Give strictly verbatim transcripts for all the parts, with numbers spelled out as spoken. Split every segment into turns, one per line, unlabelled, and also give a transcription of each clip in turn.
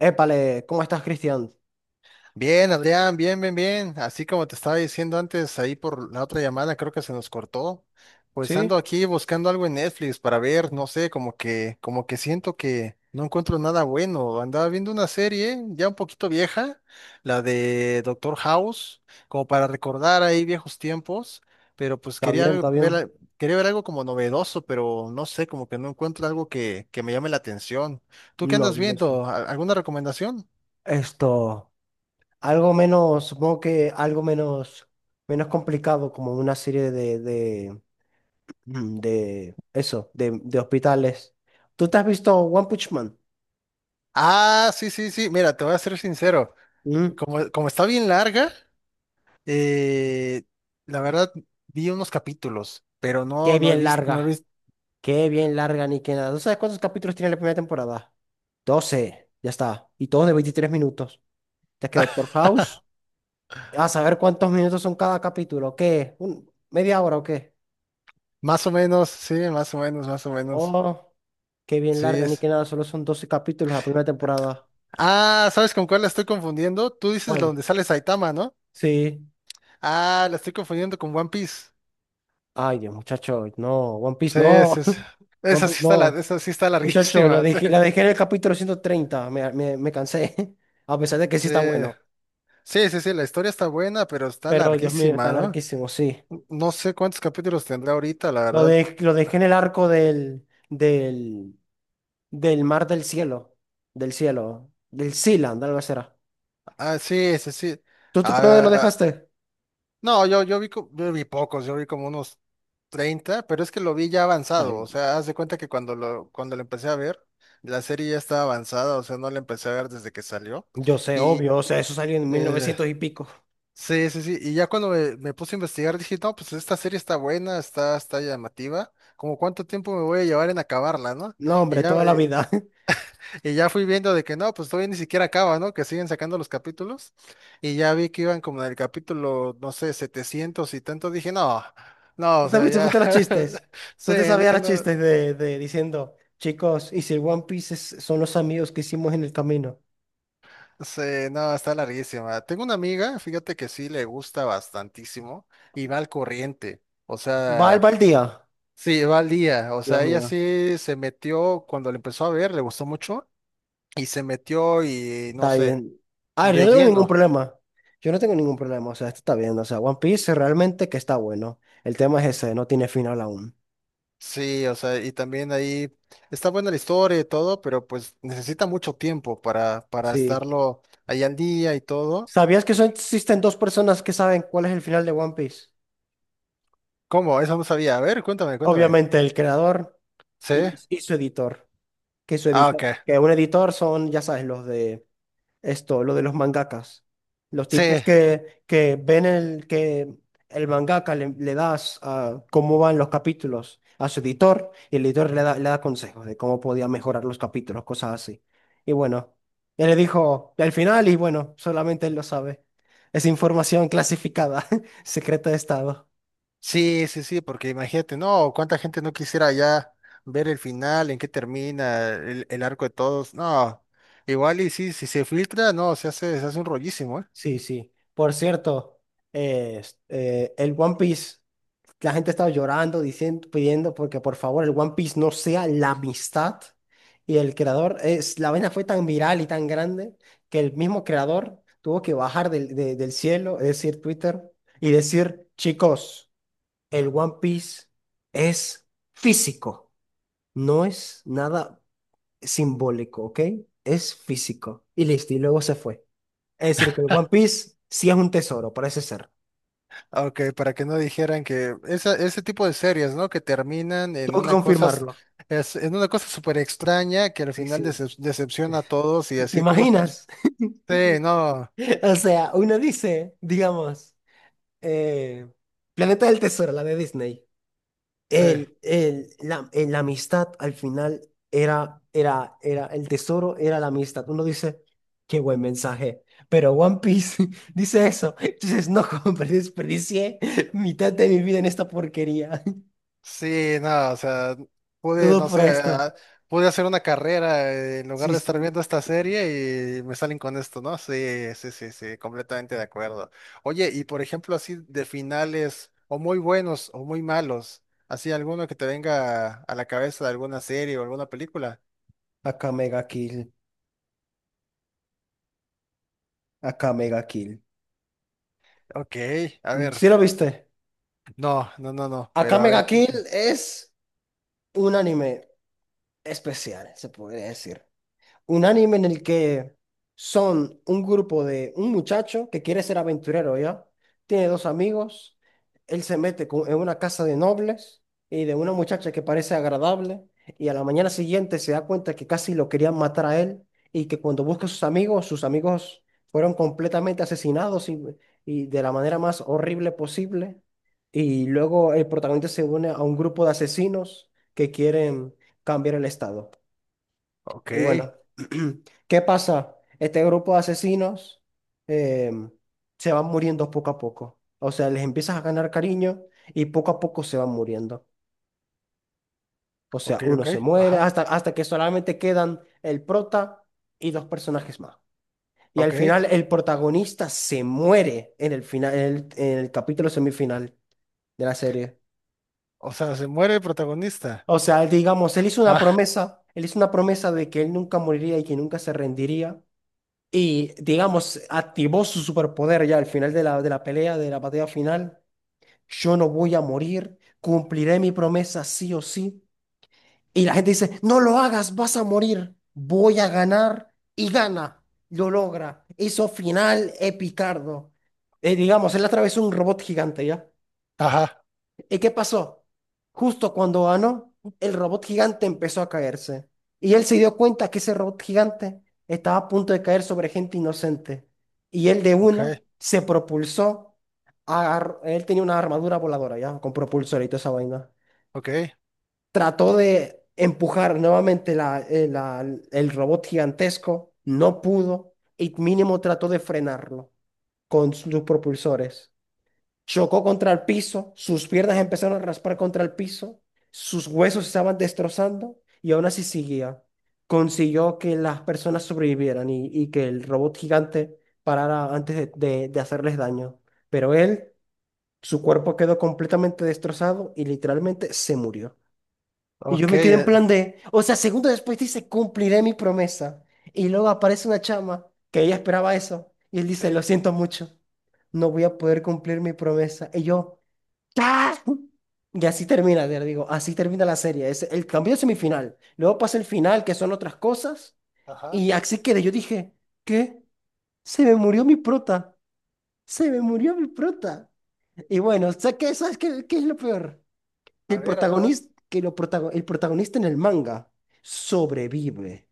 Épale, ¿cómo estás, Cristian?
Bien, Adrián, bien, bien, bien. Así como te estaba diciendo antes, ahí por la otra llamada, creo que se nos cortó. Pues ando
¿Sí?
aquí buscando algo en Netflix para ver, no sé, como que, como que siento que no encuentro nada bueno. Andaba viendo una serie ya un poquito vieja, la de Doctor House, como para recordar ahí viejos tiempos, pero pues
¿Está
quería
bien?
al-
¿Está
ver,
bien?
al- quería ver algo como novedoso, pero no sé, como que no encuentro algo que, que me llame la atención. ¿Tú qué
No,
andas
dudoso.
viendo? ¿Al- ¿Alguna recomendación?
Esto, algo menos, supongo que algo menos, menos complicado, como una serie de, de, mm, de eso, de, de hospitales. ¿Tú te has visto One Punch Man?
Ah, sí, sí, sí. Mira, te voy a ser sincero.
¿Mm?
Como, como está bien larga, eh, la verdad vi unos capítulos, pero
Qué
no, no he
bien
visto, no he
larga,
visto.
qué bien larga, ni que nada. ¿Tú sabes cuántos capítulos tiene la primera temporada? Doce, ya está. Y todos de veintitrés minutos. ¿Te has quedado por House? A saber cuántos minutos son cada capítulo. ¿Qué? ¿Un- ¿Media hora o qué?
Más o menos, sí, más o menos, más o menos.
Oh, qué bien
Sí
larga, ni
es.
que nada, solo son doce capítulos la primera temporada.
Ah, ¿sabes con cuál la estoy confundiendo? Tú dices la
¿Cuál?
donde sale Saitama, ¿no?
Sí.
Ah, la estoy confundiendo con One Piece.
Ay, Dios, muchacho, no, One
Sí,
Piece
es,
no,
es.
One
Esa sí
Piece
está, la-
no.
esa sí está
Muchacho, lo
larguísima, sí.
dejé, la dejé en el capítulo ciento treinta, me, me, me cansé, a pesar de que sí
Sí.
está bueno.
Sí, sí, sí, la historia está buena, pero está
Pero Dios mío, está
larguísima, ¿no?
larguísimo, sí.
No sé cuántos capítulos tendrá ahorita, la
Lo,
verdad.
de, lo dejé en el arco del, del, del mar del cielo, del cielo, del Sealand, algo así era.
Ah, sí, sí, sí.
¿Tú te- ¿por dónde lo
Ah,
dejaste?
no, yo, yo vi, co- yo vi pocos, yo vi como unos treinta, pero es que lo vi ya avanzado.
Ay,
O sea, haz de cuenta que cuando lo, cuando lo empecé a ver, la serie ya estaba avanzada, o sea, no la empecé a ver desde que salió.
yo sé,
Y
obvio, o sea, eso salió en mil
eh,
novecientos y pico.
sí, sí, sí. Y ya cuando me, me puse a investigar, dije, no, pues esta serie está buena, está, está llamativa. Como cuánto tiempo me voy a llevar en acabarla, ¿no?
No,
Y
hombre,
ya,
toda la
eh,
vida.
Y ya fui viendo de que no, pues todavía ni siquiera acaba, ¿no? Que siguen sacando los capítulos. Y ya vi que iban como en el capítulo, no sé, setecientos y tanto. Dije, no, no,
¿Tú
o sea,
también
ya.
supiste los chistes?
Sí,
¿Tú te sabías
dije,
los
no,
chistes de, de diciendo, chicos, ¿y si el One Piece es- son los amigos que hicimos en el camino?
sí, no, está larguísima. Tengo una amiga, fíjate que sí le gusta bastantísimo y va al corriente. O
¿Va al
sea,
va al día?
sí, va al día. O
Dios
sea, ella
mío,
sí se metió cuando le empezó a ver, le gustó mucho y se metió y no
está
sé,
bien. A ver, yo
de
no tengo ningún
lleno.
problema. Yo no tengo ningún problema, o sea, esto está bien. O sea, One Piece realmente que está bueno. El tema es ese, no tiene final aún.
Sí, o sea, y también ahí está buena la historia y todo, pero pues necesita mucho tiempo para, para
Sí.
estarlo ahí al día y todo.
¿Sabías que son, existen dos personas que saben cuál es el final de One Piece?
¿Cómo? Eso no sabía. A ver, cuéntame, cuéntame.
Obviamente el creador
¿Sí?
y, y su editor. Que su
Ah,
editor,
ok.
que un editor son, ya sabes, los de esto, lo de los mangakas. Los
Sí,
tipos que, que ven el que el mangaka le, le das a cómo van los capítulos a su editor, y el editor le da, le da consejos de cómo podía mejorar los capítulos, cosas así. Y bueno, él le dijo al final y bueno, solamente él lo sabe. Es información clasificada, secreta de Estado.
sí, sí, sí, porque imagínate, no, cuánta gente no quisiera ya ver el final, en qué termina, el, el arco de todos. No, igual y sí, si se filtra, no, se hace, se hace un rollísimo, ¿eh?
Sí, sí. Por cierto, eh, es- eh, el One Piece. La gente estaba llorando, diciendo, pidiendo porque por favor el One Piece no sea la amistad, y el creador es la vaina fue tan viral y tan grande que el mismo creador tuvo que bajar del, de- del cielo, es decir, Twitter, y decir, chicos, el One Piece es físico, no es nada simbólico, ¿ok? Es físico y listo y luego se fue. Es decir, que el One Piece sí es un tesoro, parece ser.
Ah, ok, para que no dijeran que esa- ese tipo de series, ¿no? Que terminan en
Tengo que
una cosa, s-
confirmarlo.
es, en una cosa súper extraña que al
Sí,
final
sí.
decep- decepciona a todos y
¿Te
así, ¿cómo es posible?
imaginas?
Sí, no,
O sea, uno dice, digamos, eh, Planeta del Tesoro, la de Disney.
sí.
El, el, la, el- la amistad al final era, era, era, el tesoro era la amistad. Uno dice, qué buen mensaje. Pero One Piece dice eso. Entonces, no, hombre, desperdicié mitad de mi vida en esta porquería.
Sí, no, o sea, pude,
Todo
no
por
sé,
esto.
ah, pude hacer una carrera eh, en lugar
Sí,
de estar
sí.
viendo esta serie y me salen con esto, ¿no? Sí, sí, sí, sí, completamente de acuerdo. Oye, y por ejemplo, así de finales, o muy buenos o muy malos, así alguno que te venga a la cabeza de alguna serie o alguna película.
Acá Mega Kill. Acá Mega Kill.
Ok, a
¿Sí
ver,
lo viste?
no, no, no, no,
Acá
pero a
Mega
ver,
Kill es un anime especial, se podría decir. Un anime en el que son un grupo de un muchacho que quiere ser aventurero, ¿ya? Tiene dos amigos, él se mete con- en una casa de nobles y de una muchacha que parece agradable, y a la mañana siguiente se da cuenta que casi lo querían matar a él, y que cuando busca a sus amigos, sus amigos fueron completamente asesinados, y, y de la manera más horrible posible. Y luego el protagonista se une a un grupo de asesinos que quieren cambiar el estado.
ok,
Y bueno, ¿qué pasa? Este grupo de asesinos em, se van muriendo poco a poco. O sea, les empiezas a ganar cariño y poco a poco se van muriendo. O sea,
ok,
uno
ok,
se muere
ajá,
hasta, hasta que solamente quedan el prota y dos personajes más. Y al
ok,
final el protagonista se muere en el final, en el, en el capítulo semifinal de la serie.
o sea, se muere el protagonista.
O sea, digamos, él hizo una
Ah,
promesa, él hizo una promesa de que él nunca moriría y que nunca se rendiría. Y, digamos, activó su superpoder ya al final de la, de la pelea, de la batalla final. Yo no voy a morir, cumpliré mi promesa sí o sí. Y la gente dice, no lo hagas, vas a morir, voy a ganar y gana, lo logra. Hizo final epicardo. Eh, digamos, él atravesó un robot gigante ya.
ajá,
¿Y qué pasó? Justo cuando ganó, el robot gigante empezó a caerse. Y él se dio cuenta que ese robot gigante estaba a punto de caer sobre gente inocente. Y él de una
ok,
se propulsó. Agar- él tenía una armadura voladora, ¿ya? Con propulsor y toda esa vaina.
ok.
Trató de empujar nuevamente la, eh, la- el robot gigantesco. No pudo. Y mínimo trató de frenarlo con sus propulsores. Chocó contra el piso, sus piernas empezaron a raspar contra el piso, sus huesos se estaban destrozando y aún así seguía. Consiguió que las personas sobrevivieran, y, y que el robot gigante parara antes de, de- de hacerles daño. Pero él, su cuerpo quedó completamente destrozado y literalmente se murió. Y yo
Ok.
me quedé en
eh,
plan de, o sea, segundos después dice, cumpliré mi promesa. Y luego aparece una chama que ella esperaba eso y él
Sí,
dice, lo siento mucho, no voy a poder cumplir mi promesa. Y yo, ¡ah! Y así termina, te digo, así termina la serie. Es el cambio de semifinal. Luego pasa el final, que son otras cosas.
ajá.
Y así quedé. Yo dije, ¿qué? Se me murió mi prota. Se me murió mi prota. Y bueno, ¿sabes qué, ¿sabes qué, qué es lo peor? Que
A
el
ver, a ver, a ver.
protagonista, que lo protago- el protagonista en el manga sobrevive.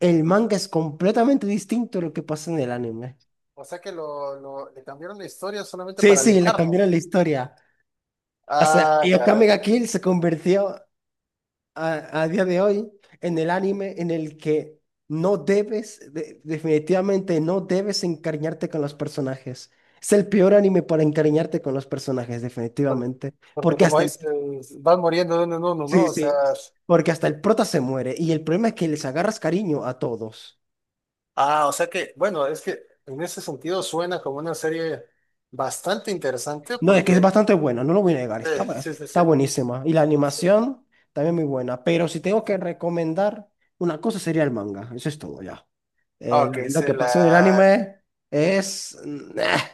El manga es completamente distinto a lo que pasa en el anime.
O sea que lo, lo- le cambiaron la historia solamente
Sí,
para
sí, le
animarlo.
cambiaron la historia. O sea,
Ah,
y
caray.
Akame ga Kill se convirtió a, a día de hoy en el anime en el que no debes, de- definitivamente no debes encariñarte con los personajes. Es el peor anime para encariñarte con los personajes,
Por-
definitivamente.
Porque,
Porque
como
hasta el...
dices, van muriendo de uno en uno, ¿no?
Sí,
O sea.
sí. Porque hasta el prota se muere. Y el problema es que les agarras cariño a todos.
Ah, o sea que, bueno, es que en ese sentido suena como una serie bastante interesante
No, es que es
porque.
bastante bueno, no lo voy a negar.
Sí,
Está, bu-
sí, sí, sí,
está buenísima. Y la
sí.
animación también muy buena. Pero si tengo que recomendar, una cosa sería el manga. Eso es todo ya.
Ah,
Eh, lo
ok,
lo
se
que
la.
pasa en el anime es... mm, ah,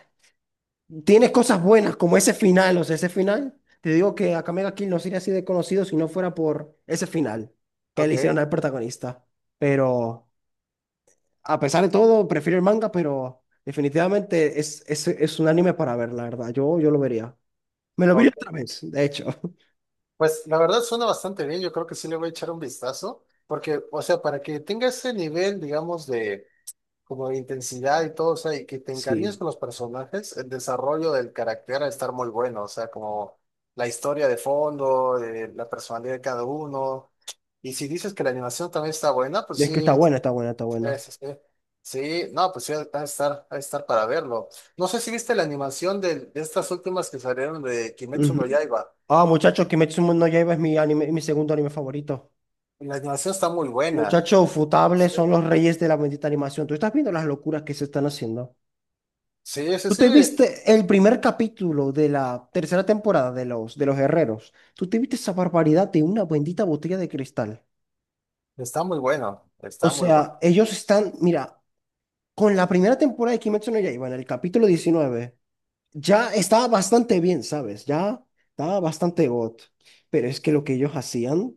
tiene cosas buenas, como ese final, o sea, ese final. Te digo que Akame ga Kill no sería así de conocido si no fuera por ese final que
Ok,
le hicieron al protagonista. Pero, a pesar de todo, prefiero el manga, pero definitivamente es, es, es un anime para ver, la verdad. Yo, yo lo vería. Me lo vi
ok.
otra vez, de hecho.
Pues la verdad suena bastante bien. Yo creo que sí le voy a echar un vistazo. Porque, o sea, para que tenga ese nivel, digamos, de como de intensidad y todo, o sea, y que te encariñes
Sí.
con los personajes, el desarrollo del carácter a estar muy bueno, o sea, como la historia de fondo, eh, la personalidad de cada uno. Y si dices que la animación también está buena, pues
Es que
sí,
está buena,
es-
está buena, está buena.
es- es- sí, no, pues sí, va a estar, va a estar, para verlo. No sé si viste la animación de, de estas últimas que salieron de Kimetsu
Ujú.
no Yaiba.
Ah, muchachos, Kimetsu no Yaiba es mi anime, mi segundo anime favorito.
La animación está muy buena.
Muchacho, Futable
Sí,
son los reyes de la bendita animación. Tú estás viendo las locuras que se están haciendo.
sí, sí,
Tú
sí,
te viste el primer capítulo de la tercera temporada de los, de los Herreros. Tú te viste esa barbaridad de una bendita botella de cristal.
está muy bueno,
O
está muy bueno.
sea, ellos están, mira, con la primera temporada de Kimetsu no Yaiba, en el capítulo diecinueve, ya estaba bastante bien, ¿sabes? Ya estaba bastante got. Pero es que lo que ellos hacían.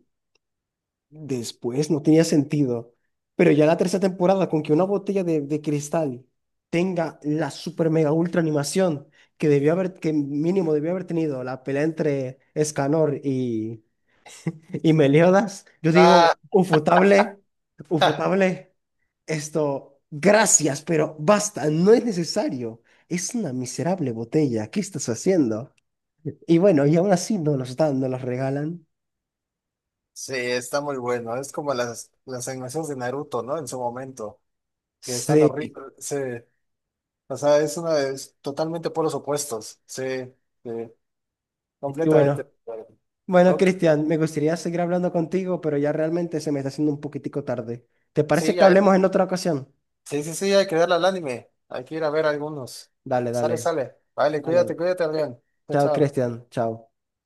Después no tenía sentido. Pero ya la tercera temporada, con que una botella de, de cristal tenga la super mega ultra animación que debió haber, que mínimo debió haber tenido la pelea entre Escanor y, y Meliodas, yo digo,
Ah,
ufotable, ufotable, esto, gracias, pero basta, no es necesario. Es una miserable botella, ¿qué estás haciendo? Y bueno, y aún así no nos dan, no las regalan.
sí, está muy bueno. Es como las, las animaciones de Naruto, ¿no? En su momento. Que están
Sí,
horribles. Sí. O sea, es una de es totalmente por los opuestos. Sí, sí.
y
Completamente de
bueno.
acuerdo.
Bueno,
Ok.
Cristian, me gustaría seguir hablando contigo, pero ya realmente se me está haciendo un poquitico tarde. ¿Te
Sí,
parece que
ya-
hablemos en otra ocasión?
sí, sí, sí, hay que darle al anime. Hay que ir a ver algunos.
Dale,
Sale,
dale,
sale. Vale,
dale.
cuídate, cuídate, Adrián. Chao,
Chao,
chao.
Cristian, chao.